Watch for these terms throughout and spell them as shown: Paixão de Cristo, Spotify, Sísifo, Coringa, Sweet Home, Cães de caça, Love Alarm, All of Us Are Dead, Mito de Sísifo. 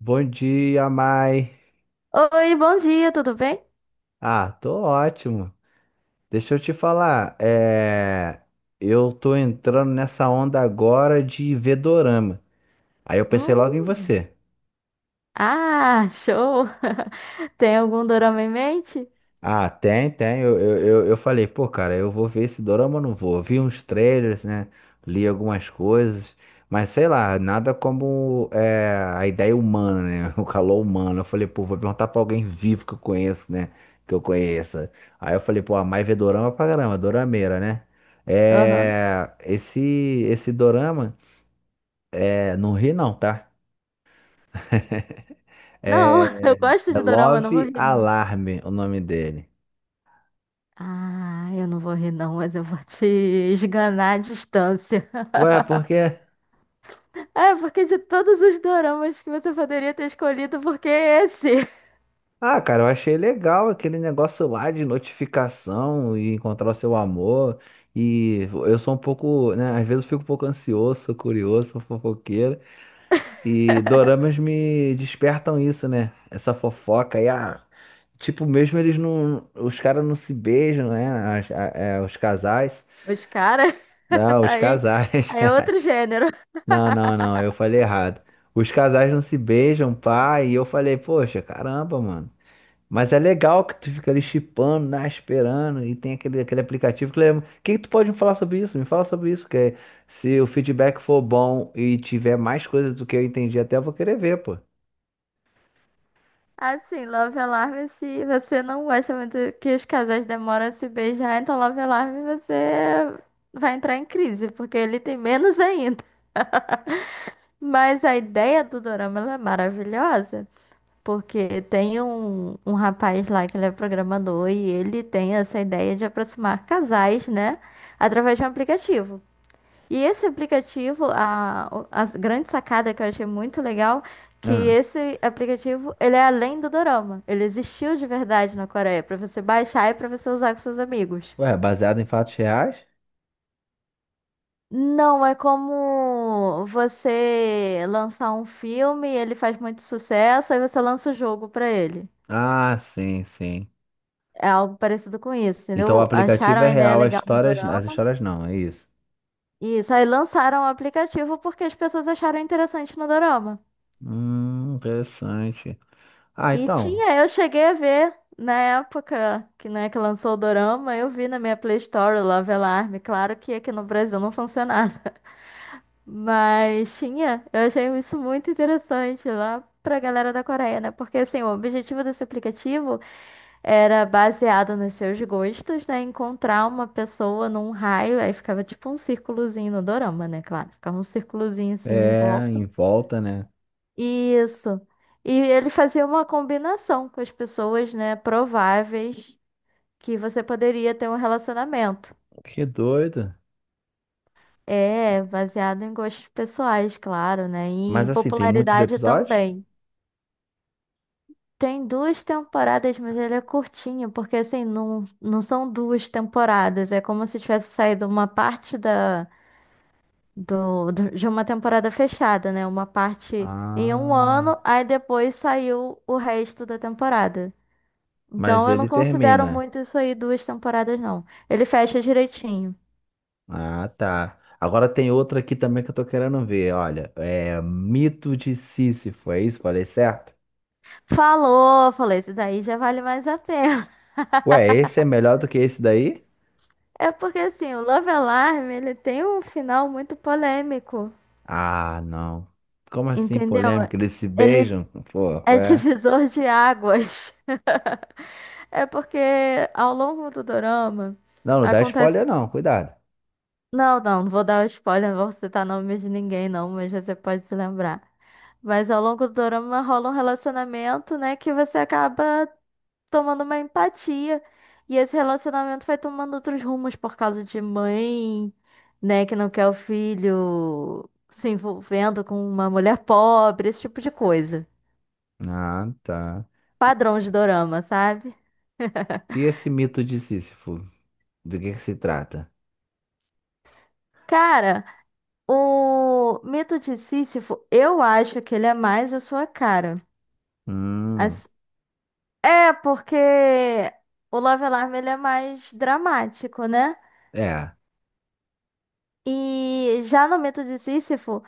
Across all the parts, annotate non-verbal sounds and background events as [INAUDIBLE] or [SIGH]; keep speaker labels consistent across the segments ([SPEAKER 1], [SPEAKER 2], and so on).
[SPEAKER 1] Bom dia, Mai.
[SPEAKER 2] Oi, bom dia, tudo bem?
[SPEAKER 1] Ah, tô ótimo. Deixa eu te falar, eu tô entrando nessa onda agora de ver dorama. Aí eu pensei logo em
[SPEAKER 2] Hum,
[SPEAKER 1] você.
[SPEAKER 2] ah, show! [LAUGHS] Tem algum dorama em mente?
[SPEAKER 1] Ah, tem, tem. Eu falei, pô, cara, eu vou ver esse dorama, ou não vou. Eu vi uns trailers, né? Li algumas coisas, mas sei lá, nada como a ideia humana, né? [LAUGHS] O calor humano. Eu falei, pô, vou perguntar pra alguém vivo que eu conheço, né? Que eu conheça. Aí eu falei, pô, a Mai vê dorama pra caramba, dorameira, né?
[SPEAKER 2] Aham.
[SPEAKER 1] É, esse, esse dorama, é, não ri não, tá? [LAUGHS]
[SPEAKER 2] Não, [LAUGHS]
[SPEAKER 1] É,
[SPEAKER 2] eu gosto
[SPEAKER 1] é
[SPEAKER 2] de dorama, eu não vou
[SPEAKER 1] Love
[SPEAKER 2] rir, não.
[SPEAKER 1] Alarm, o nome dele.
[SPEAKER 2] Ah, eu não vou rir, não, mas eu vou te esganar à distância. [LAUGHS]
[SPEAKER 1] Ué, por quê?
[SPEAKER 2] É, porque de todos os doramas que você poderia ter escolhido, por que esse?
[SPEAKER 1] Ah, cara, eu achei legal aquele negócio lá de notificação e encontrar o seu amor. E eu sou um pouco, né? Às vezes eu fico um pouco ansioso, sou curioso, sou fofoqueiro. E doramas me despertam isso, né? Essa fofoca aí, ah, tipo, mesmo eles não. Os caras não se beijam, né? Os casais.
[SPEAKER 2] Os caras.
[SPEAKER 1] Não,
[SPEAKER 2] [LAUGHS]
[SPEAKER 1] os
[SPEAKER 2] Aí,
[SPEAKER 1] casais.
[SPEAKER 2] aí é
[SPEAKER 1] [LAUGHS]
[SPEAKER 2] outro gênero.
[SPEAKER 1] Não, não, não, eu
[SPEAKER 2] [LAUGHS]
[SPEAKER 1] falei errado. Os casais não se beijam, pá. E eu falei, poxa, caramba, mano. Mas é legal que tu fica ali chipando, né, esperando, e tem aquele aplicativo que lembra. O que que tu pode me falar sobre isso? Me fala sobre isso, porque se o feedback for bom e tiver mais coisas do que eu entendi, até eu vou querer ver, pô.
[SPEAKER 2] Assim, Love Alarm, se você não gosta muito que os casais demoram a se beijar, então Love Alarm você vai entrar em crise, porque ele tem menos [LAUGHS] ainda. Mas a ideia do dorama ela é maravilhosa, porque tem um rapaz lá que ele é programador e ele tem essa ideia de aproximar casais, né, através de um aplicativo. E esse aplicativo, a grande sacada que eu achei muito legal, que
[SPEAKER 1] Ah,
[SPEAKER 2] esse aplicativo, ele é além do Dorama. Ele existiu de verdade na Coreia, para você baixar e para você usar com seus amigos.
[SPEAKER 1] ué, baseado em fatos reais?
[SPEAKER 2] Não, é como você lançar um filme, ele faz muito sucesso, aí você lança o jogo pra ele.
[SPEAKER 1] Ah, sim, sim.
[SPEAKER 2] É algo parecido com isso,
[SPEAKER 1] Então o
[SPEAKER 2] entendeu?
[SPEAKER 1] aplicativo
[SPEAKER 2] Acharam
[SPEAKER 1] é
[SPEAKER 2] a ideia
[SPEAKER 1] real,
[SPEAKER 2] legal no
[SPEAKER 1] as
[SPEAKER 2] Dorama.
[SPEAKER 1] histórias não, é isso.
[SPEAKER 2] Isso, aí lançaram o aplicativo porque as pessoas acharam interessante no Dorama.
[SPEAKER 1] Interessante. Ah,
[SPEAKER 2] E
[SPEAKER 1] então,
[SPEAKER 2] tinha, eu cheguei a ver na época que, né, que lançou o Dorama, eu vi na minha Play Store o Love Alarm. Claro que aqui no Brasil não funcionava, [LAUGHS] mas tinha. Eu achei isso muito interessante lá pra galera da Coreia, né? Porque assim, o objetivo desse aplicativo era baseado nos seus gostos, né? Encontrar uma pessoa num raio, aí ficava tipo um círculozinho no Dorama, né? Claro, ficava um círculozinho assim em
[SPEAKER 1] é
[SPEAKER 2] volta.
[SPEAKER 1] em volta, né?
[SPEAKER 2] Isso. E ele fazia uma combinação com as pessoas, né, prováveis que você poderia ter um relacionamento.
[SPEAKER 1] Que doido.
[SPEAKER 2] É, baseado em gostos pessoais, claro, né, e
[SPEAKER 1] Mas
[SPEAKER 2] em
[SPEAKER 1] assim, tem muitos
[SPEAKER 2] popularidade
[SPEAKER 1] episódios?
[SPEAKER 2] também. Tem duas temporadas, mas ele é curtinho, porque assim, não, não são duas temporadas, é como se tivesse saído uma parte de uma temporada fechada, né, uma parte em um
[SPEAKER 1] Ah.
[SPEAKER 2] ano, aí depois saiu o resto da temporada.
[SPEAKER 1] Mas
[SPEAKER 2] Então eu não
[SPEAKER 1] ele
[SPEAKER 2] considero
[SPEAKER 1] termina.
[SPEAKER 2] muito isso aí duas temporadas, não. Ele fecha direitinho.
[SPEAKER 1] Ah, tá. Agora tem outra aqui também que eu tô querendo ver. Olha, é Mito de Sísifo, é isso? Falei certo?
[SPEAKER 2] Falou, falei, isso daí já vale mais a pena. [LAUGHS]
[SPEAKER 1] Ué, esse é melhor do que esse daí?
[SPEAKER 2] É porque assim, o Love Alarm, ele tem um final muito polêmico,
[SPEAKER 1] Ah, não. Como assim,
[SPEAKER 2] entendeu?
[SPEAKER 1] polêmica? Eles se
[SPEAKER 2] Ele
[SPEAKER 1] beijam? Pô, qual
[SPEAKER 2] é [LAUGHS]
[SPEAKER 1] é?
[SPEAKER 2] divisor de águas. É porque ao longo do dorama
[SPEAKER 1] Não, não dá spoiler
[SPEAKER 2] acontece.
[SPEAKER 1] não, cuidado.
[SPEAKER 2] Não, não, não vou dar spoiler, não vou citar nome de ninguém, não, mas você pode se lembrar. Mas ao longo do dorama rola um relacionamento, né, que você acaba tomando uma empatia. E esse relacionamento vai tomando outros rumos por causa de mãe, né, que não quer o filho se envolvendo com uma mulher pobre, esse tipo de coisa.
[SPEAKER 1] Ah, tá. E
[SPEAKER 2] Padrão de dorama, sabe? [LAUGHS]
[SPEAKER 1] e esse mito de Sísifo? Do que se trata?
[SPEAKER 2] Cara, o mito de Sísifo, eu acho que ele é mais a sua cara.
[SPEAKER 1] Hum,
[SPEAKER 2] As- É, porque o Love Alarm ele é mais dramático, né?
[SPEAKER 1] é.
[SPEAKER 2] E já no mito de Sísifo.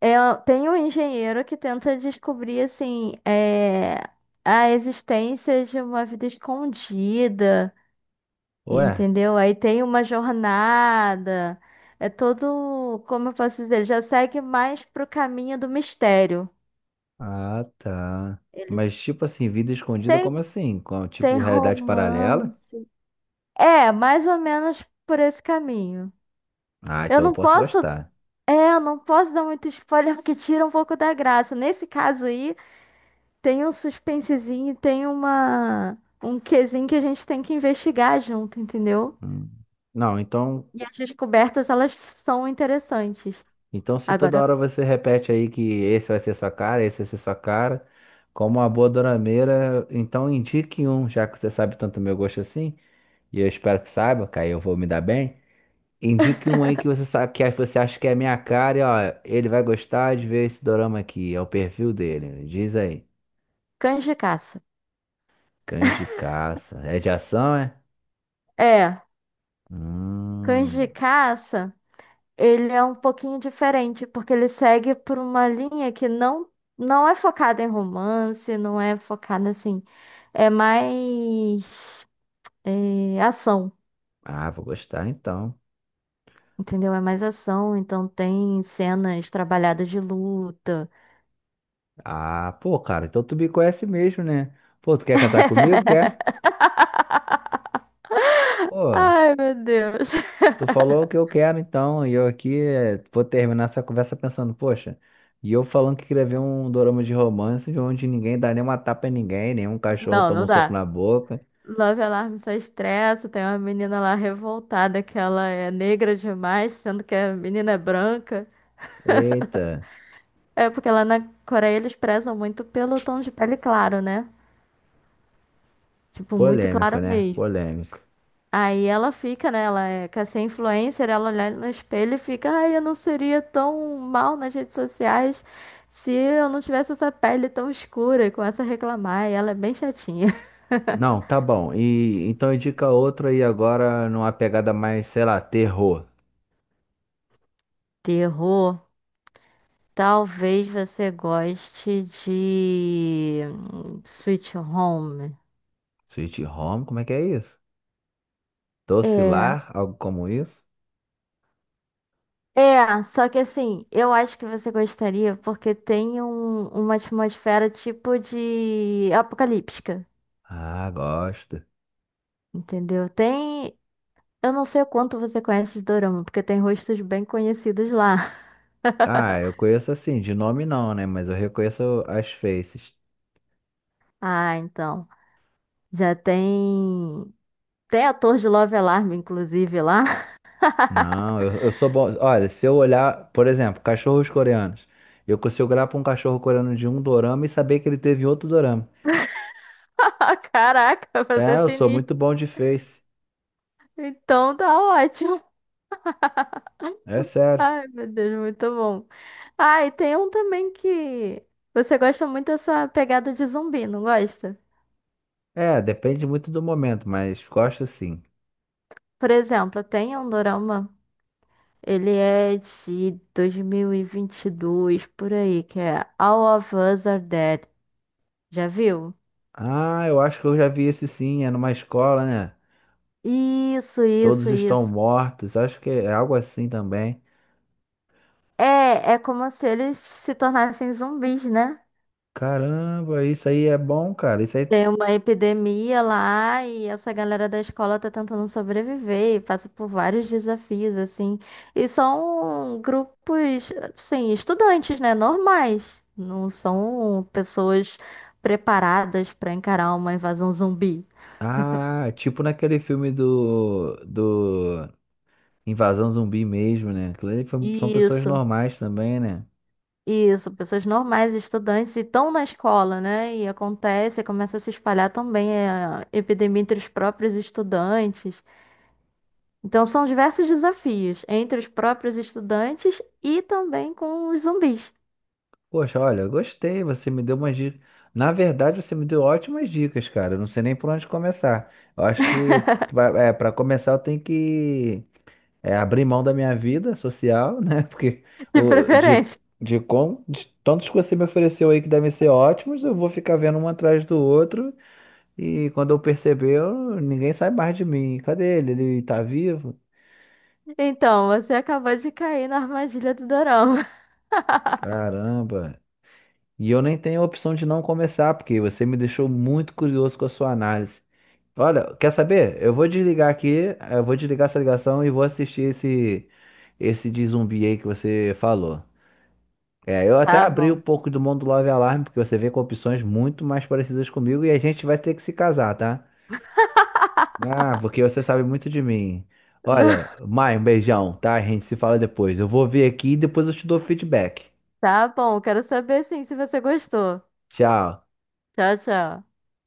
[SPEAKER 2] É, tem um engenheiro que tenta descobrir assim é, a existência de uma vida escondida,
[SPEAKER 1] Ué?
[SPEAKER 2] entendeu? Aí tem uma jornada, é todo, como eu posso dizer, ele já segue mais pro caminho do mistério.
[SPEAKER 1] Ah, tá.
[SPEAKER 2] Ele
[SPEAKER 1] Mas tipo assim, vida escondida
[SPEAKER 2] tem,
[SPEAKER 1] como assim? Com,
[SPEAKER 2] tem
[SPEAKER 1] tipo, realidade paralela?
[SPEAKER 2] romance. É, mais ou menos por esse caminho.
[SPEAKER 1] Ah,
[SPEAKER 2] Eu
[SPEAKER 1] então eu
[SPEAKER 2] não
[SPEAKER 1] posso
[SPEAKER 2] posso,
[SPEAKER 1] gostar.
[SPEAKER 2] é, eu não posso dar muito spoiler [LAUGHS] porque tira um pouco da graça. Nesse caso aí, tem um suspensezinho, e tem uma um quezinho que a gente tem que investigar junto, entendeu?
[SPEAKER 1] Hum. Não, então,
[SPEAKER 2] E as descobertas, elas são interessantes.
[SPEAKER 1] então se toda
[SPEAKER 2] Agora,
[SPEAKER 1] hora você repete aí que esse vai ser sua cara, esse vai ser sua cara, como uma boa dorameira, então indique um, já que você sabe tanto meu gosto assim, e eu espero que saiba, que aí eu vou me dar bem. Indique um aí que você sabe que você acha que é a minha cara, e ó, ele vai gostar de ver esse dorama aqui, é o perfil dele. Diz aí.
[SPEAKER 2] cães de caça.
[SPEAKER 1] Cães de caça. É de ação, é?
[SPEAKER 2] É, cães de
[SPEAKER 1] Hum.
[SPEAKER 2] caça, ele é um pouquinho diferente, porque ele segue por uma linha que não é focada em romance, não é focada assim, é mais é, ação,
[SPEAKER 1] Ah, vou gostar então.
[SPEAKER 2] entendeu? É mais ação, então tem cenas trabalhadas de luta.
[SPEAKER 1] Ah, pô, cara, então tu me conhece mesmo, né? Pô, tu quer casar comigo? Quer?
[SPEAKER 2] [LAUGHS]
[SPEAKER 1] Pô,
[SPEAKER 2] Ai, meu Deus.
[SPEAKER 1] tu falou o que eu quero, então, e eu aqui vou terminar essa conversa pensando, poxa, e eu falando que queria ver um dorama de romance onde ninguém dá nenhuma tapa em ninguém, nenhum cachorro
[SPEAKER 2] Não,
[SPEAKER 1] toma
[SPEAKER 2] não
[SPEAKER 1] um soco
[SPEAKER 2] dá.
[SPEAKER 1] na boca.
[SPEAKER 2] Love Alarm só estressa. Tem uma menina lá revoltada que ela é negra demais, sendo que a menina é branca.
[SPEAKER 1] Eita,
[SPEAKER 2] É porque lá na Coreia eles prezam muito pelo tom de pele claro, né? Tipo, muito
[SPEAKER 1] polêmico,
[SPEAKER 2] claro
[SPEAKER 1] né?
[SPEAKER 2] mesmo.
[SPEAKER 1] Polêmico.
[SPEAKER 2] Aí ela fica, né? Ela é, quer ser influencer, ela olha no espelho e fica, ai, eu não seria tão mal nas redes sociais se eu não tivesse essa pele tão escura e começa a reclamar. E ela é bem chatinha.
[SPEAKER 1] Não, tá bom. E então indica outro aí agora numa pegada mais, sei lá, terror.
[SPEAKER 2] Terror, talvez você goste de Sweet Home.
[SPEAKER 1] Sweet Home, como é que é isso? Doce
[SPEAKER 2] É,
[SPEAKER 1] Lar, algo como isso?
[SPEAKER 2] é, só que assim, eu acho que você gostaria porque tem uma atmosfera tipo de apocalíptica,
[SPEAKER 1] Ah, gosto.
[SPEAKER 2] entendeu? Tem, eu não sei o quanto você conhece de Dorama, porque tem rostos bem conhecidos lá. [LAUGHS]
[SPEAKER 1] Ah, eu conheço assim, de nome não, né? Mas eu reconheço as faces.
[SPEAKER 2] Ah, então, já tem, tem ator de Love Alarm, inclusive, lá.
[SPEAKER 1] Não, eu sou bom. Olha, se eu olhar, por exemplo, cachorros coreanos, eu consigo olhar para um cachorro coreano de um dorama e saber que ele teve em outro dorama.
[SPEAKER 2] [LAUGHS] Caraca, você
[SPEAKER 1] É,
[SPEAKER 2] é
[SPEAKER 1] eu sou
[SPEAKER 2] sinistro.
[SPEAKER 1] muito bom de face.
[SPEAKER 2] Então tá ótimo.
[SPEAKER 1] É sério.
[SPEAKER 2] Ai, meu Deus, muito bom. Ah, e tem um também que você gosta muito dessa pegada de zumbi, não gosta?
[SPEAKER 1] É, depende muito do momento, mas gosto sim.
[SPEAKER 2] Por exemplo, tem um dorama, ele é de dois mil e vinte e dois por aí, que é All of Us Are Dead. Já viu?
[SPEAKER 1] Ah, eu acho que eu já vi esse sim, é numa escola, né?
[SPEAKER 2] Isso,
[SPEAKER 1] Todos
[SPEAKER 2] isso,
[SPEAKER 1] estão
[SPEAKER 2] isso.
[SPEAKER 1] mortos, acho que é algo assim também.
[SPEAKER 2] É, é como se eles se tornassem zumbis, né?
[SPEAKER 1] Caramba, isso aí é bom, cara. Isso aí
[SPEAKER 2] Tem uma epidemia lá e essa galera da escola tá tentando sobreviver e passa por vários desafios, assim. E são grupos, assim, estudantes, né? Normais. Não são pessoas preparadas para encarar uma invasão zumbi.
[SPEAKER 1] ah, tipo naquele filme do Invasão Zumbi mesmo, né? Aquilo ali foi- são pessoas
[SPEAKER 2] Isso,
[SPEAKER 1] normais também, né?
[SPEAKER 2] isso. Pessoas normais, estudantes, e estão na escola, né? E acontece, começa a se espalhar também eh, a epidemia entre os próprios estudantes. Então, são diversos desafios entre os próprios estudantes e também com os zumbis,
[SPEAKER 1] Poxa, olha, eu gostei, você me deu umas dicas. Na verdade, você me deu ótimas dicas, cara. Eu não sei nem por onde começar. Eu acho que pra começar eu tenho que abrir mão da minha vida social, né? [LAUGHS] Porque
[SPEAKER 2] [LAUGHS] de
[SPEAKER 1] o,
[SPEAKER 2] preferência.
[SPEAKER 1] de, com, de tantos que você me ofereceu aí que devem ser ótimos, eu vou ficar vendo um atrás do outro. E quando eu perceber, eu ninguém sai mais de mim. Cadê ele? Ele tá vivo?
[SPEAKER 2] Então, você acabou de cair na armadilha do Dorama. [LAUGHS]
[SPEAKER 1] Caramba. E eu nem tenho a opção de não começar, porque você me deixou muito curioso com a sua análise. Olha, quer saber? Eu vou desligar aqui, eu vou desligar essa ligação e vou assistir esse de zumbi aí que você falou. É, eu até
[SPEAKER 2] Tá
[SPEAKER 1] abri
[SPEAKER 2] bom.
[SPEAKER 1] um pouco do mundo Love Alarm, porque você vem com opções muito mais parecidas comigo e a gente vai ter que se casar, tá? Ah, porque você sabe muito de mim. Olha,
[SPEAKER 2] [LAUGHS]
[SPEAKER 1] Mai, um beijão, tá? A gente se fala depois. Eu vou ver aqui e depois eu te dou feedback.
[SPEAKER 2] Tá bom, quero saber sim se você gostou.
[SPEAKER 1] Tchau.
[SPEAKER 2] Tchau, tchau.